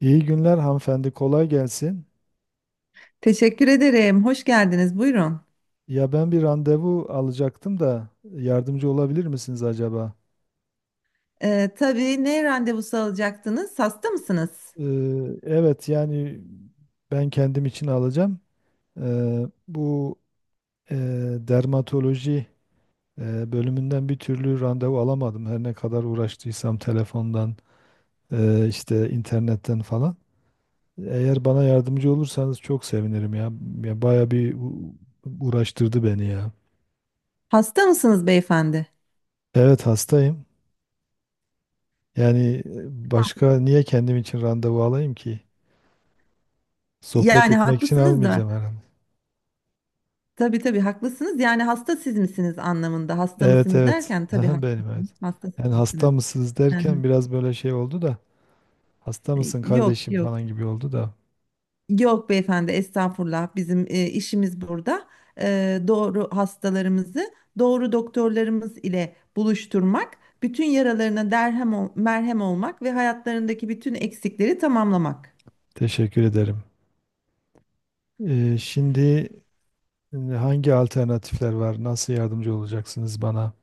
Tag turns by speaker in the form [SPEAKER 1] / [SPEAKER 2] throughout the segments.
[SPEAKER 1] İyi günler hanımefendi, kolay gelsin.
[SPEAKER 2] Teşekkür ederim. Hoş geldiniz. Buyurun.
[SPEAKER 1] Ya ben bir randevu alacaktım da yardımcı olabilir misiniz acaba?
[SPEAKER 2] Tabii, ne randevusu alacaktınız? Hasta mısınız?
[SPEAKER 1] Ee, evet yani ben kendim için alacağım. Bu e, dermatoloji bölümünden bir türlü randevu alamadım. Her ne kadar uğraştıysam telefondan, işte internetten falan. Eğer bana yardımcı olursanız çok sevinirim ya. Ya baya bir uğraştırdı beni ya.
[SPEAKER 2] Hasta mısınız beyefendi?
[SPEAKER 1] Evet hastayım. Yani başka niye kendim için randevu alayım ki? Sohbet
[SPEAKER 2] Yani
[SPEAKER 1] etmek için
[SPEAKER 2] haklısınız da.
[SPEAKER 1] almayacağım herhalde.
[SPEAKER 2] Tabii tabii haklısınız. Yani hasta siz misiniz anlamında. Hasta
[SPEAKER 1] Evet,
[SPEAKER 2] mısınız
[SPEAKER 1] evet.
[SPEAKER 2] derken tabii
[SPEAKER 1] Aha, benim evet.
[SPEAKER 2] haklısınız. Hasta
[SPEAKER 1] Yani
[SPEAKER 2] siz
[SPEAKER 1] hasta
[SPEAKER 2] misiniz?
[SPEAKER 1] mısınız
[SPEAKER 2] Hı hı.
[SPEAKER 1] derken biraz böyle şey oldu da hasta mısın
[SPEAKER 2] Yok
[SPEAKER 1] kardeşim
[SPEAKER 2] yok.
[SPEAKER 1] falan gibi oldu da
[SPEAKER 2] Yok beyefendi, estağfurullah. Bizim işimiz burada. Doğru hastalarımızı doğru doktorlarımız ile buluşturmak, bütün yaralarına merhem olmak ve hayatlarındaki bütün eksikleri tamamlamak.
[SPEAKER 1] teşekkür ederim. Şimdi hangi alternatifler var? Nasıl yardımcı olacaksınız bana?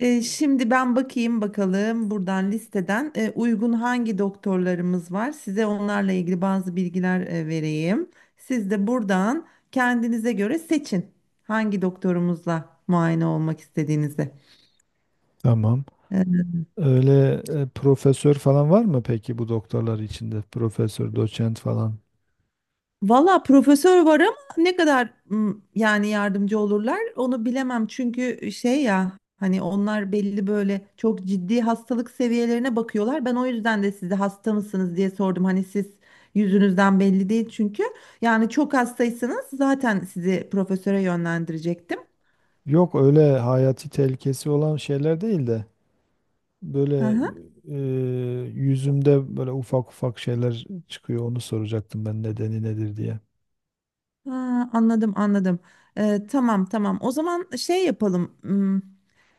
[SPEAKER 2] Şimdi ben bakayım bakalım buradan listeden uygun hangi doktorlarımız var. Size onlarla ilgili bazı bilgiler vereyim. Siz de buradan kendinize göre seçin hangi doktorumuzla muayene olmak istediğinizi.
[SPEAKER 1] Tamam.
[SPEAKER 2] E,
[SPEAKER 1] Öyle profesör falan var mı peki bu doktorlar içinde? Profesör, doçent falan.
[SPEAKER 2] Valla profesör var ama ne kadar yani yardımcı olurlar onu bilemem. Çünkü şey, ya hani onlar belli, böyle çok ciddi hastalık seviyelerine bakıyorlar. Ben o yüzden de size hasta mısınız diye sordum. Hani siz yüzünüzden belli değil çünkü. Yani çok hastaysanız zaten sizi profesöre yönlendirecektim.
[SPEAKER 1] Yok öyle hayati tehlikesi olan şeyler değil de. Böyle
[SPEAKER 2] Aha.
[SPEAKER 1] yüzümde böyle ufak ufak şeyler çıkıyor. Onu soracaktım ben nedeni nedir diye.
[SPEAKER 2] Ha, anladım anladım. Tamam tamam, o zaman şey yapalım.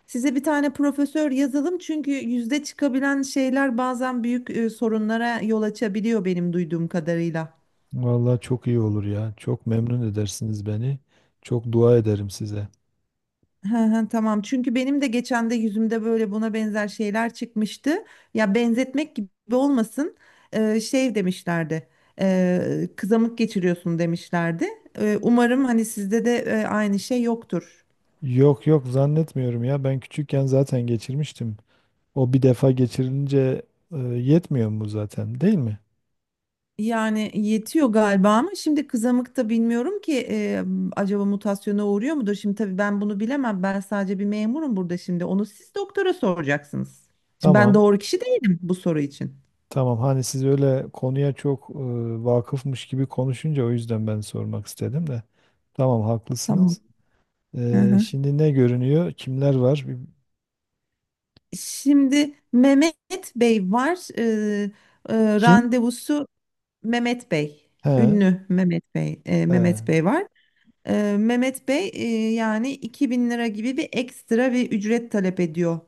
[SPEAKER 2] Size bir tane profesör yazalım çünkü yüzde çıkabilen şeyler bazen büyük sorunlara yol açabiliyor benim duyduğum kadarıyla.
[SPEAKER 1] Vallahi çok iyi olur ya. Çok memnun edersiniz beni. Çok dua ederim size.
[SPEAKER 2] Hı hı. Tamam, çünkü benim de geçen de yüzümde böyle buna benzer şeyler çıkmıştı. Ya benzetmek gibi olmasın, şey demişlerdi, kızamık geçiriyorsun demişlerdi. Umarım hani sizde de aynı şey yoktur.
[SPEAKER 1] Yok, yok, zannetmiyorum ya. Ben küçükken zaten geçirmiştim. O bir defa geçirilince yetmiyor mu zaten, değil mi?
[SPEAKER 2] Yani yetiyor galiba ama şimdi kızamıkta bilmiyorum ki, acaba mutasyona uğruyor mudur? Şimdi tabii ben bunu bilemem. Ben sadece bir memurum burada şimdi. Onu siz doktora soracaksınız. Şimdi ben
[SPEAKER 1] Tamam.
[SPEAKER 2] doğru kişi değilim bu soru için.
[SPEAKER 1] Tamam. Hani siz öyle konuya çok vakıfmış gibi konuşunca o yüzden ben sormak istedim de. Tamam,
[SPEAKER 2] Tamam.
[SPEAKER 1] haklısınız.
[SPEAKER 2] Hı hı.
[SPEAKER 1] Şimdi ne görünüyor? Kimler var?
[SPEAKER 2] Şimdi Mehmet Bey var. E, e,
[SPEAKER 1] Kim?
[SPEAKER 2] randevusu Mehmet Bey.
[SPEAKER 1] He,
[SPEAKER 2] Ünlü Mehmet Bey. Mehmet
[SPEAKER 1] he,
[SPEAKER 2] Bey var. Mehmet Bey, yani 2000 lira gibi bir ekstra bir ücret talep ediyor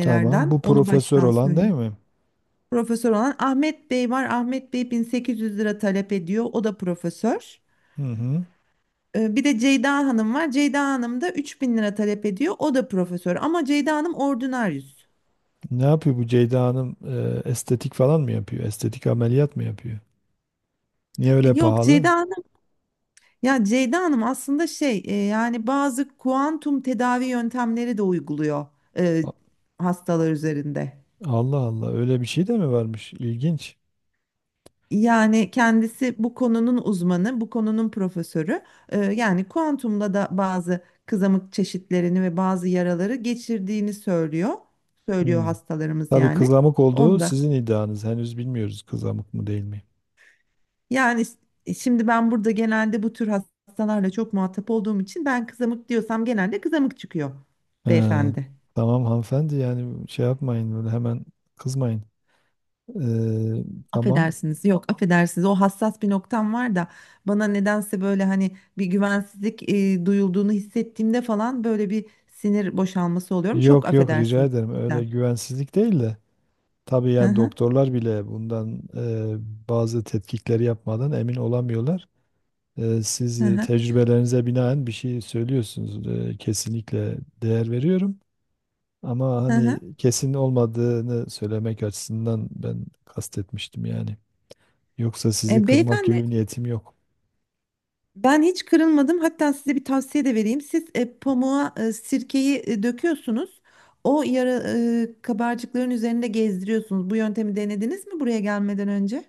[SPEAKER 1] tamam. Bu
[SPEAKER 2] Onu
[SPEAKER 1] profesör
[SPEAKER 2] baştan
[SPEAKER 1] olan değil
[SPEAKER 2] söyleyeyim.
[SPEAKER 1] mi?
[SPEAKER 2] Profesör olan Ahmet Bey var. Ahmet Bey 1800 lira talep ediyor. O da profesör.
[SPEAKER 1] Hı hı.
[SPEAKER 2] Bir de Ceyda Hanım var. Ceyda Hanım da 3000 lira talep ediyor. O da profesör. Ama Ceyda Hanım ordinaryüs.
[SPEAKER 1] Ne yapıyor bu Ceyda Hanım? Estetik falan mı yapıyor? Estetik ameliyat mı yapıyor? Niye öyle
[SPEAKER 2] Yok,
[SPEAKER 1] pahalı?
[SPEAKER 2] Ceyda Hanım aslında şey, yani bazı kuantum tedavi yöntemleri de uyguluyor e,
[SPEAKER 1] A-
[SPEAKER 2] hastalar üzerinde.
[SPEAKER 1] Allah Allah, öyle bir şey de mi varmış? İlginç.
[SPEAKER 2] Yani kendisi bu konunun uzmanı, bu konunun profesörü. Yani kuantumda da bazı kızamık çeşitlerini ve bazı yaraları geçirdiğini söylüyor. Söylüyor
[SPEAKER 1] Hı.
[SPEAKER 2] hastalarımız
[SPEAKER 1] Tabii
[SPEAKER 2] yani.
[SPEAKER 1] kızamık olduğu
[SPEAKER 2] Onda.
[SPEAKER 1] sizin iddianız. Henüz bilmiyoruz kızamık mı değil mi.
[SPEAKER 2] Yani s- Şimdi ben burada genelde bu tür hastalarla çok muhatap olduğum için ben kızamık diyorsam genelde kızamık çıkıyor
[SPEAKER 1] He,
[SPEAKER 2] beyefendi.
[SPEAKER 1] tamam hanımefendi, yani şey yapmayın böyle hemen kızmayın. Ee, tamam.
[SPEAKER 2] Affedersiniz, yok affedersiniz, o hassas bir noktam var da bana nedense böyle hani bir güvensizlik duyulduğunu hissettiğimde falan böyle bir sinir boşalması oluyorum. Çok
[SPEAKER 1] Yok, yok, rica
[SPEAKER 2] affedersiniz.
[SPEAKER 1] ederim. Öyle
[SPEAKER 2] Cidden.
[SPEAKER 1] güvensizlik değil de. Tabii
[SPEAKER 2] Hı
[SPEAKER 1] yani
[SPEAKER 2] hı,
[SPEAKER 1] doktorlar bile bundan bazı tetkikleri yapmadan emin olamıyorlar. Siz
[SPEAKER 2] hı hı,
[SPEAKER 1] tecrübelerinize binaen bir şey söylüyorsunuz. Kesinlikle değer veriyorum. Ama
[SPEAKER 2] hı
[SPEAKER 1] hani
[SPEAKER 2] hı.
[SPEAKER 1] kesin olmadığını söylemek açısından ben kastetmiştim yani. Yoksa sizi kırmak
[SPEAKER 2] Beyefendi,
[SPEAKER 1] gibi bir niyetim yok.
[SPEAKER 2] ben hiç kırılmadım, hatta size bir tavsiye de vereyim. Siz pamuğa sirkeyi döküyorsunuz, o yara kabarcıkların üzerinde gezdiriyorsunuz. Bu yöntemi denediniz mi buraya gelmeden önce?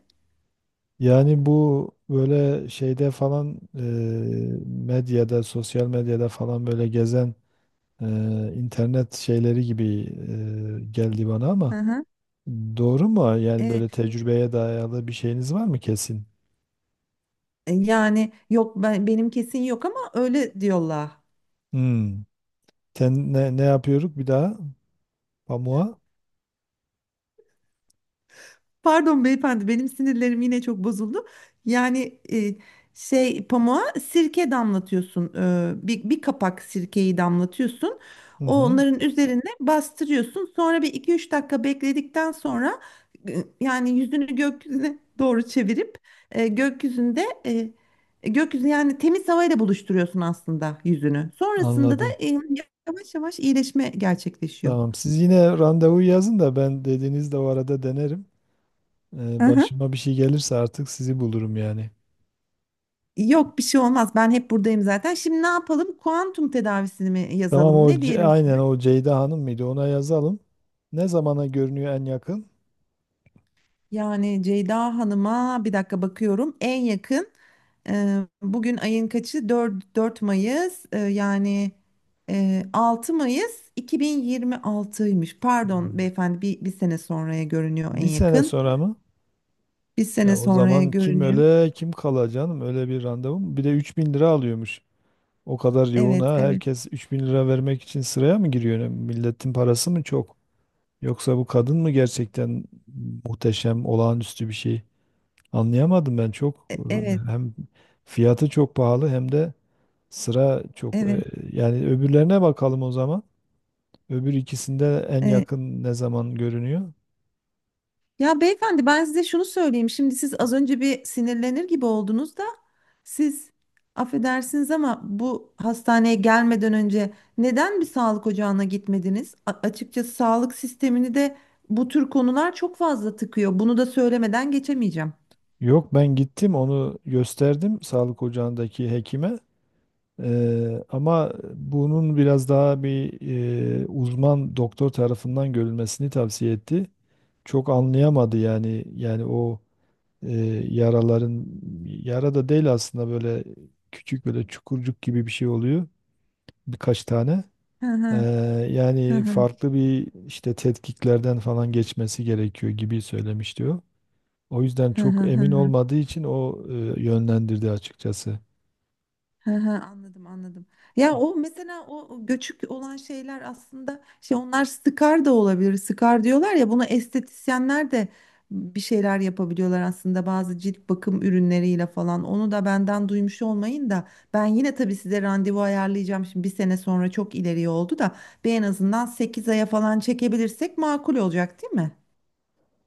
[SPEAKER 1] Yani bu böyle şeyde falan medyada, sosyal medyada falan böyle gezen e, internet şeyleri gibi geldi bana,
[SPEAKER 2] Hı
[SPEAKER 1] ama
[SPEAKER 2] hı.
[SPEAKER 1] doğru mu? Yani
[SPEAKER 2] E,
[SPEAKER 1] böyle tecrübeye dayalı bir şeyiniz var mı kesin?
[SPEAKER 2] Yani yok, benim kesin yok ama öyle diyorlar.
[SPEAKER 1] Hmm. Sen ne yapıyoruz bir daha? Pamuğa?
[SPEAKER 2] Pardon beyefendi, benim sinirlerim yine çok bozuldu. Yani e, Şey, pamuğa sirke damlatıyorsun. Bir kapak sirkeyi damlatıyorsun.
[SPEAKER 1] Hı hı.
[SPEAKER 2] Onların üzerine bastırıyorsun. Sonra bir iki üç dakika bekledikten sonra, e, yani yüzünü gökyüzüne doğru çevirip e, gökyüzünde e, gökyüzü, yani temiz havayla buluşturuyorsun aslında yüzünü. Sonrasında da
[SPEAKER 1] Anladım.
[SPEAKER 2] yavaş yavaş iyileşme gerçekleşiyor.
[SPEAKER 1] Tamam. Siz yine randevu yazın da ben dediğinizde o arada denerim.
[SPEAKER 2] Aha.
[SPEAKER 1] Başıma bir şey gelirse artık sizi bulurum yani.
[SPEAKER 2] Yok, bir şey olmaz. Ben hep buradayım zaten. Şimdi ne yapalım? Kuantum tedavisini mi
[SPEAKER 1] Tamam,
[SPEAKER 2] yazalım?
[SPEAKER 1] o
[SPEAKER 2] Ne diyelim
[SPEAKER 1] Aynen,
[SPEAKER 2] size?
[SPEAKER 1] o Ceyda Hanım mıydı? Ona yazalım. Ne zamana görünüyor en yakın?
[SPEAKER 2] Yani Ceyda Hanım'a bir dakika bakıyorum. En yakın, bugün ayın kaçı? 4 Mayıs. 6 Mayıs 2026'ymış. Pardon
[SPEAKER 1] Hmm.
[SPEAKER 2] beyefendi, bir sene sonraya görünüyor en
[SPEAKER 1] Bir sene
[SPEAKER 2] yakın.
[SPEAKER 1] sonra mı?
[SPEAKER 2] Bir sene
[SPEAKER 1] Ya o
[SPEAKER 2] sonraya
[SPEAKER 1] zaman kim
[SPEAKER 2] görünüyor.
[SPEAKER 1] öle kim kala canım, öyle bir randevu mu? Bir de 3.000 lira alıyormuş. O kadar yoğun
[SPEAKER 2] Evet,
[SPEAKER 1] ha,
[SPEAKER 2] evet,
[SPEAKER 1] herkes 3.000 lira vermek için sıraya mı giriyor? Yani milletin parası mı çok? Yoksa bu kadın mı gerçekten muhteşem, olağanüstü bir şey? Anlayamadım ben çok.
[SPEAKER 2] e- evet,
[SPEAKER 1] Hem fiyatı çok pahalı hem de sıra çok.
[SPEAKER 2] evet.
[SPEAKER 1] Yani öbürlerine bakalım o zaman. Öbür ikisinde en yakın ne zaman görünüyor?
[SPEAKER 2] Ya beyefendi, ben size şunu söyleyeyim. Şimdi siz az önce bir sinirlenir gibi oldunuz da siz, affedersiniz ama bu hastaneye gelmeden önce neden bir sağlık ocağına gitmediniz? Açıkçası sağlık sistemini de bu tür konular çok fazla tıkıyor. Bunu da söylemeden geçemeyeceğim.
[SPEAKER 1] Yok, ben gittim, onu gösterdim sağlık ocağındaki hekime. Ama bunun biraz daha bir uzman doktor tarafından görülmesini tavsiye etti. Çok anlayamadı yani, o yaraların, yara da değil aslında, böyle küçük böyle çukurcuk gibi bir şey oluyor birkaç tane.
[SPEAKER 2] Hı
[SPEAKER 1] Eee,
[SPEAKER 2] hı, hı
[SPEAKER 1] Yani
[SPEAKER 2] hı,
[SPEAKER 1] farklı bir işte tetkiklerden falan geçmesi gerekiyor gibi söylemiş diyor. O yüzden
[SPEAKER 2] hı hı,
[SPEAKER 1] çok
[SPEAKER 2] hı.
[SPEAKER 1] emin olmadığı için o yönlendirdi açıkçası.
[SPEAKER 2] Hı hı, anladım anladım. Ya o mesela, o göçük olan şeyler aslında şey, onlar skar da olabilir. Skar diyorlar ya, bunu estetisyenler de bir şeyler yapabiliyorlar aslında bazı cilt bakım ürünleriyle falan. Onu da benden duymuş olmayın da, ben yine tabii size randevu ayarlayacağım. Şimdi bir sene sonra çok ileriye oldu da bir en azından 8 aya falan çekebilirsek makul olacak değil mi?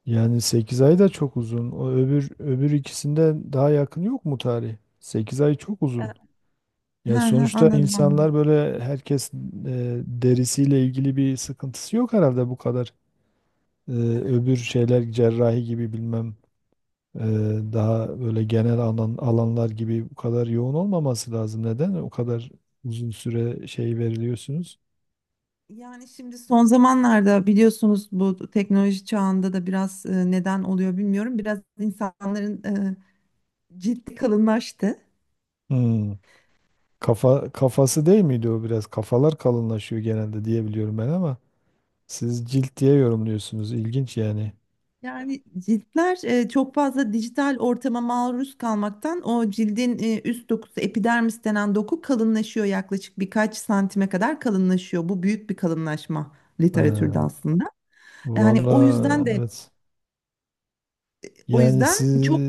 [SPEAKER 1] Yani 8 ay da çok uzun. O öbür ikisinden daha yakın yok mu tarih? 8 ay çok uzun.
[SPEAKER 2] Hı
[SPEAKER 1] Ya
[SPEAKER 2] hı,
[SPEAKER 1] sonuçta
[SPEAKER 2] anladım
[SPEAKER 1] insanlar
[SPEAKER 2] anladım.
[SPEAKER 1] böyle, herkes derisiyle ilgili bir sıkıntısı yok herhalde bu kadar. E, Öbür şeyler cerrahi gibi bilmem e, daha böyle genel alanlar gibi bu kadar yoğun olmaması lazım. Neden o kadar uzun süre şey veriliyorsunuz?
[SPEAKER 2] Yani şimdi son zamanlarda biliyorsunuz bu teknoloji çağında da biraz neden oluyor bilmiyorum. Biraz insanların cildi kalınlaştı.
[SPEAKER 1] Hmm. Kafası değil miydi o biraz? Kafalar kalınlaşıyor genelde diye biliyorum ben ama. Siz cilt diye yorumluyorsunuz. İlginç yani.
[SPEAKER 2] Yani ciltler çok fazla dijital ortama maruz kalmaktan o cildin üst dokusu, epidermis denen doku kalınlaşıyor, yaklaşık birkaç santime kadar kalınlaşıyor. Bu büyük bir kalınlaşma literatürde
[SPEAKER 1] Ha,
[SPEAKER 2] aslında. Yani
[SPEAKER 1] valla
[SPEAKER 2] o yüzden de
[SPEAKER 1] evet.
[SPEAKER 2] o
[SPEAKER 1] Yani
[SPEAKER 2] yüzden
[SPEAKER 1] siz
[SPEAKER 2] çok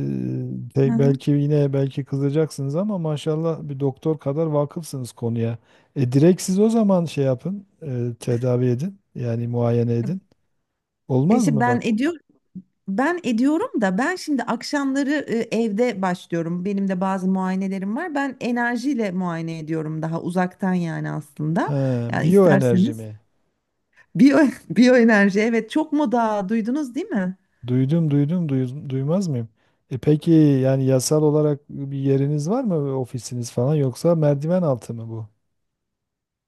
[SPEAKER 2] hı hı.
[SPEAKER 1] belki yine belki kızacaksınız ama maşallah, bir doktor kadar vakıfsınız konuya. Direkt siz o zaman şey yapın, tedavi edin. Yani muayene edin. Olmaz
[SPEAKER 2] İşte
[SPEAKER 1] mı
[SPEAKER 2] ben
[SPEAKER 1] bak?
[SPEAKER 2] ediyorum. Ben ediyorum da, ben şimdi akşamları evde başlıyorum. Benim de bazı muayenelerim var. Ben enerjiyle muayene ediyorum, daha uzaktan yani aslında.
[SPEAKER 1] Ha,
[SPEAKER 2] Yani
[SPEAKER 1] biyoenerji
[SPEAKER 2] isterseniz
[SPEAKER 1] mi?
[SPEAKER 2] biyo biyoenerji, evet, çok moda, duydunuz değil mi?
[SPEAKER 1] Duydum, duydum, duydum, duymaz mıyım? E peki yani yasal olarak bir yeriniz var mı, ofisiniz falan, yoksa merdiven altı mı bu?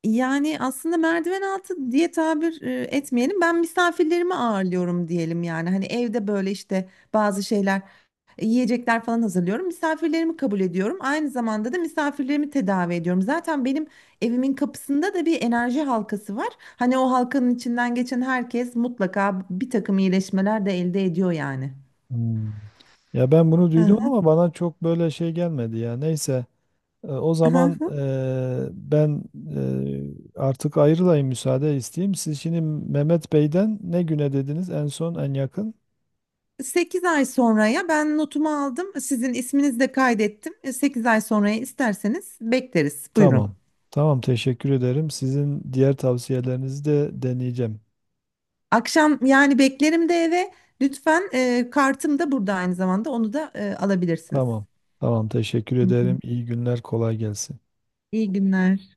[SPEAKER 2] Yani aslında merdiven altı diye tabir etmeyelim. Ben misafirlerimi ağırlıyorum diyelim yani. Hani evde böyle işte bazı şeyler, yiyecekler falan hazırlıyorum. Misafirlerimi kabul ediyorum. Aynı zamanda da misafirlerimi tedavi ediyorum. Zaten benim evimin kapısında da bir enerji halkası var. Hani o halkanın içinden geçen herkes mutlaka bir takım iyileşmeler de elde ediyor yani.
[SPEAKER 1] Hmm. Ya ben bunu duydum
[SPEAKER 2] Hı
[SPEAKER 1] ama bana çok böyle şey gelmedi ya. Neyse, o zaman
[SPEAKER 2] hı.
[SPEAKER 1] ben artık ayrılayım, müsaade isteyeyim. Siz şimdi Mehmet Bey'den ne güne dediniz en son, en yakın?
[SPEAKER 2] 8 ay sonraya ben notumu aldım. Sizin isminizi de kaydettim. 8 ay sonraya isterseniz bekleriz. Buyurun.
[SPEAKER 1] Tamam. Tamam, teşekkür ederim. Sizin diğer tavsiyelerinizi de deneyeceğim.
[SPEAKER 2] Akşam yani beklerim de eve. Lütfen, kartım da burada aynı zamanda. Onu da alabilirsiniz.
[SPEAKER 1] Tamam. Tamam, teşekkür
[SPEAKER 2] Hı hı.
[SPEAKER 1] ederim. İyi günler, kolay gelsin.
[SPEAKER 2] İyi günler.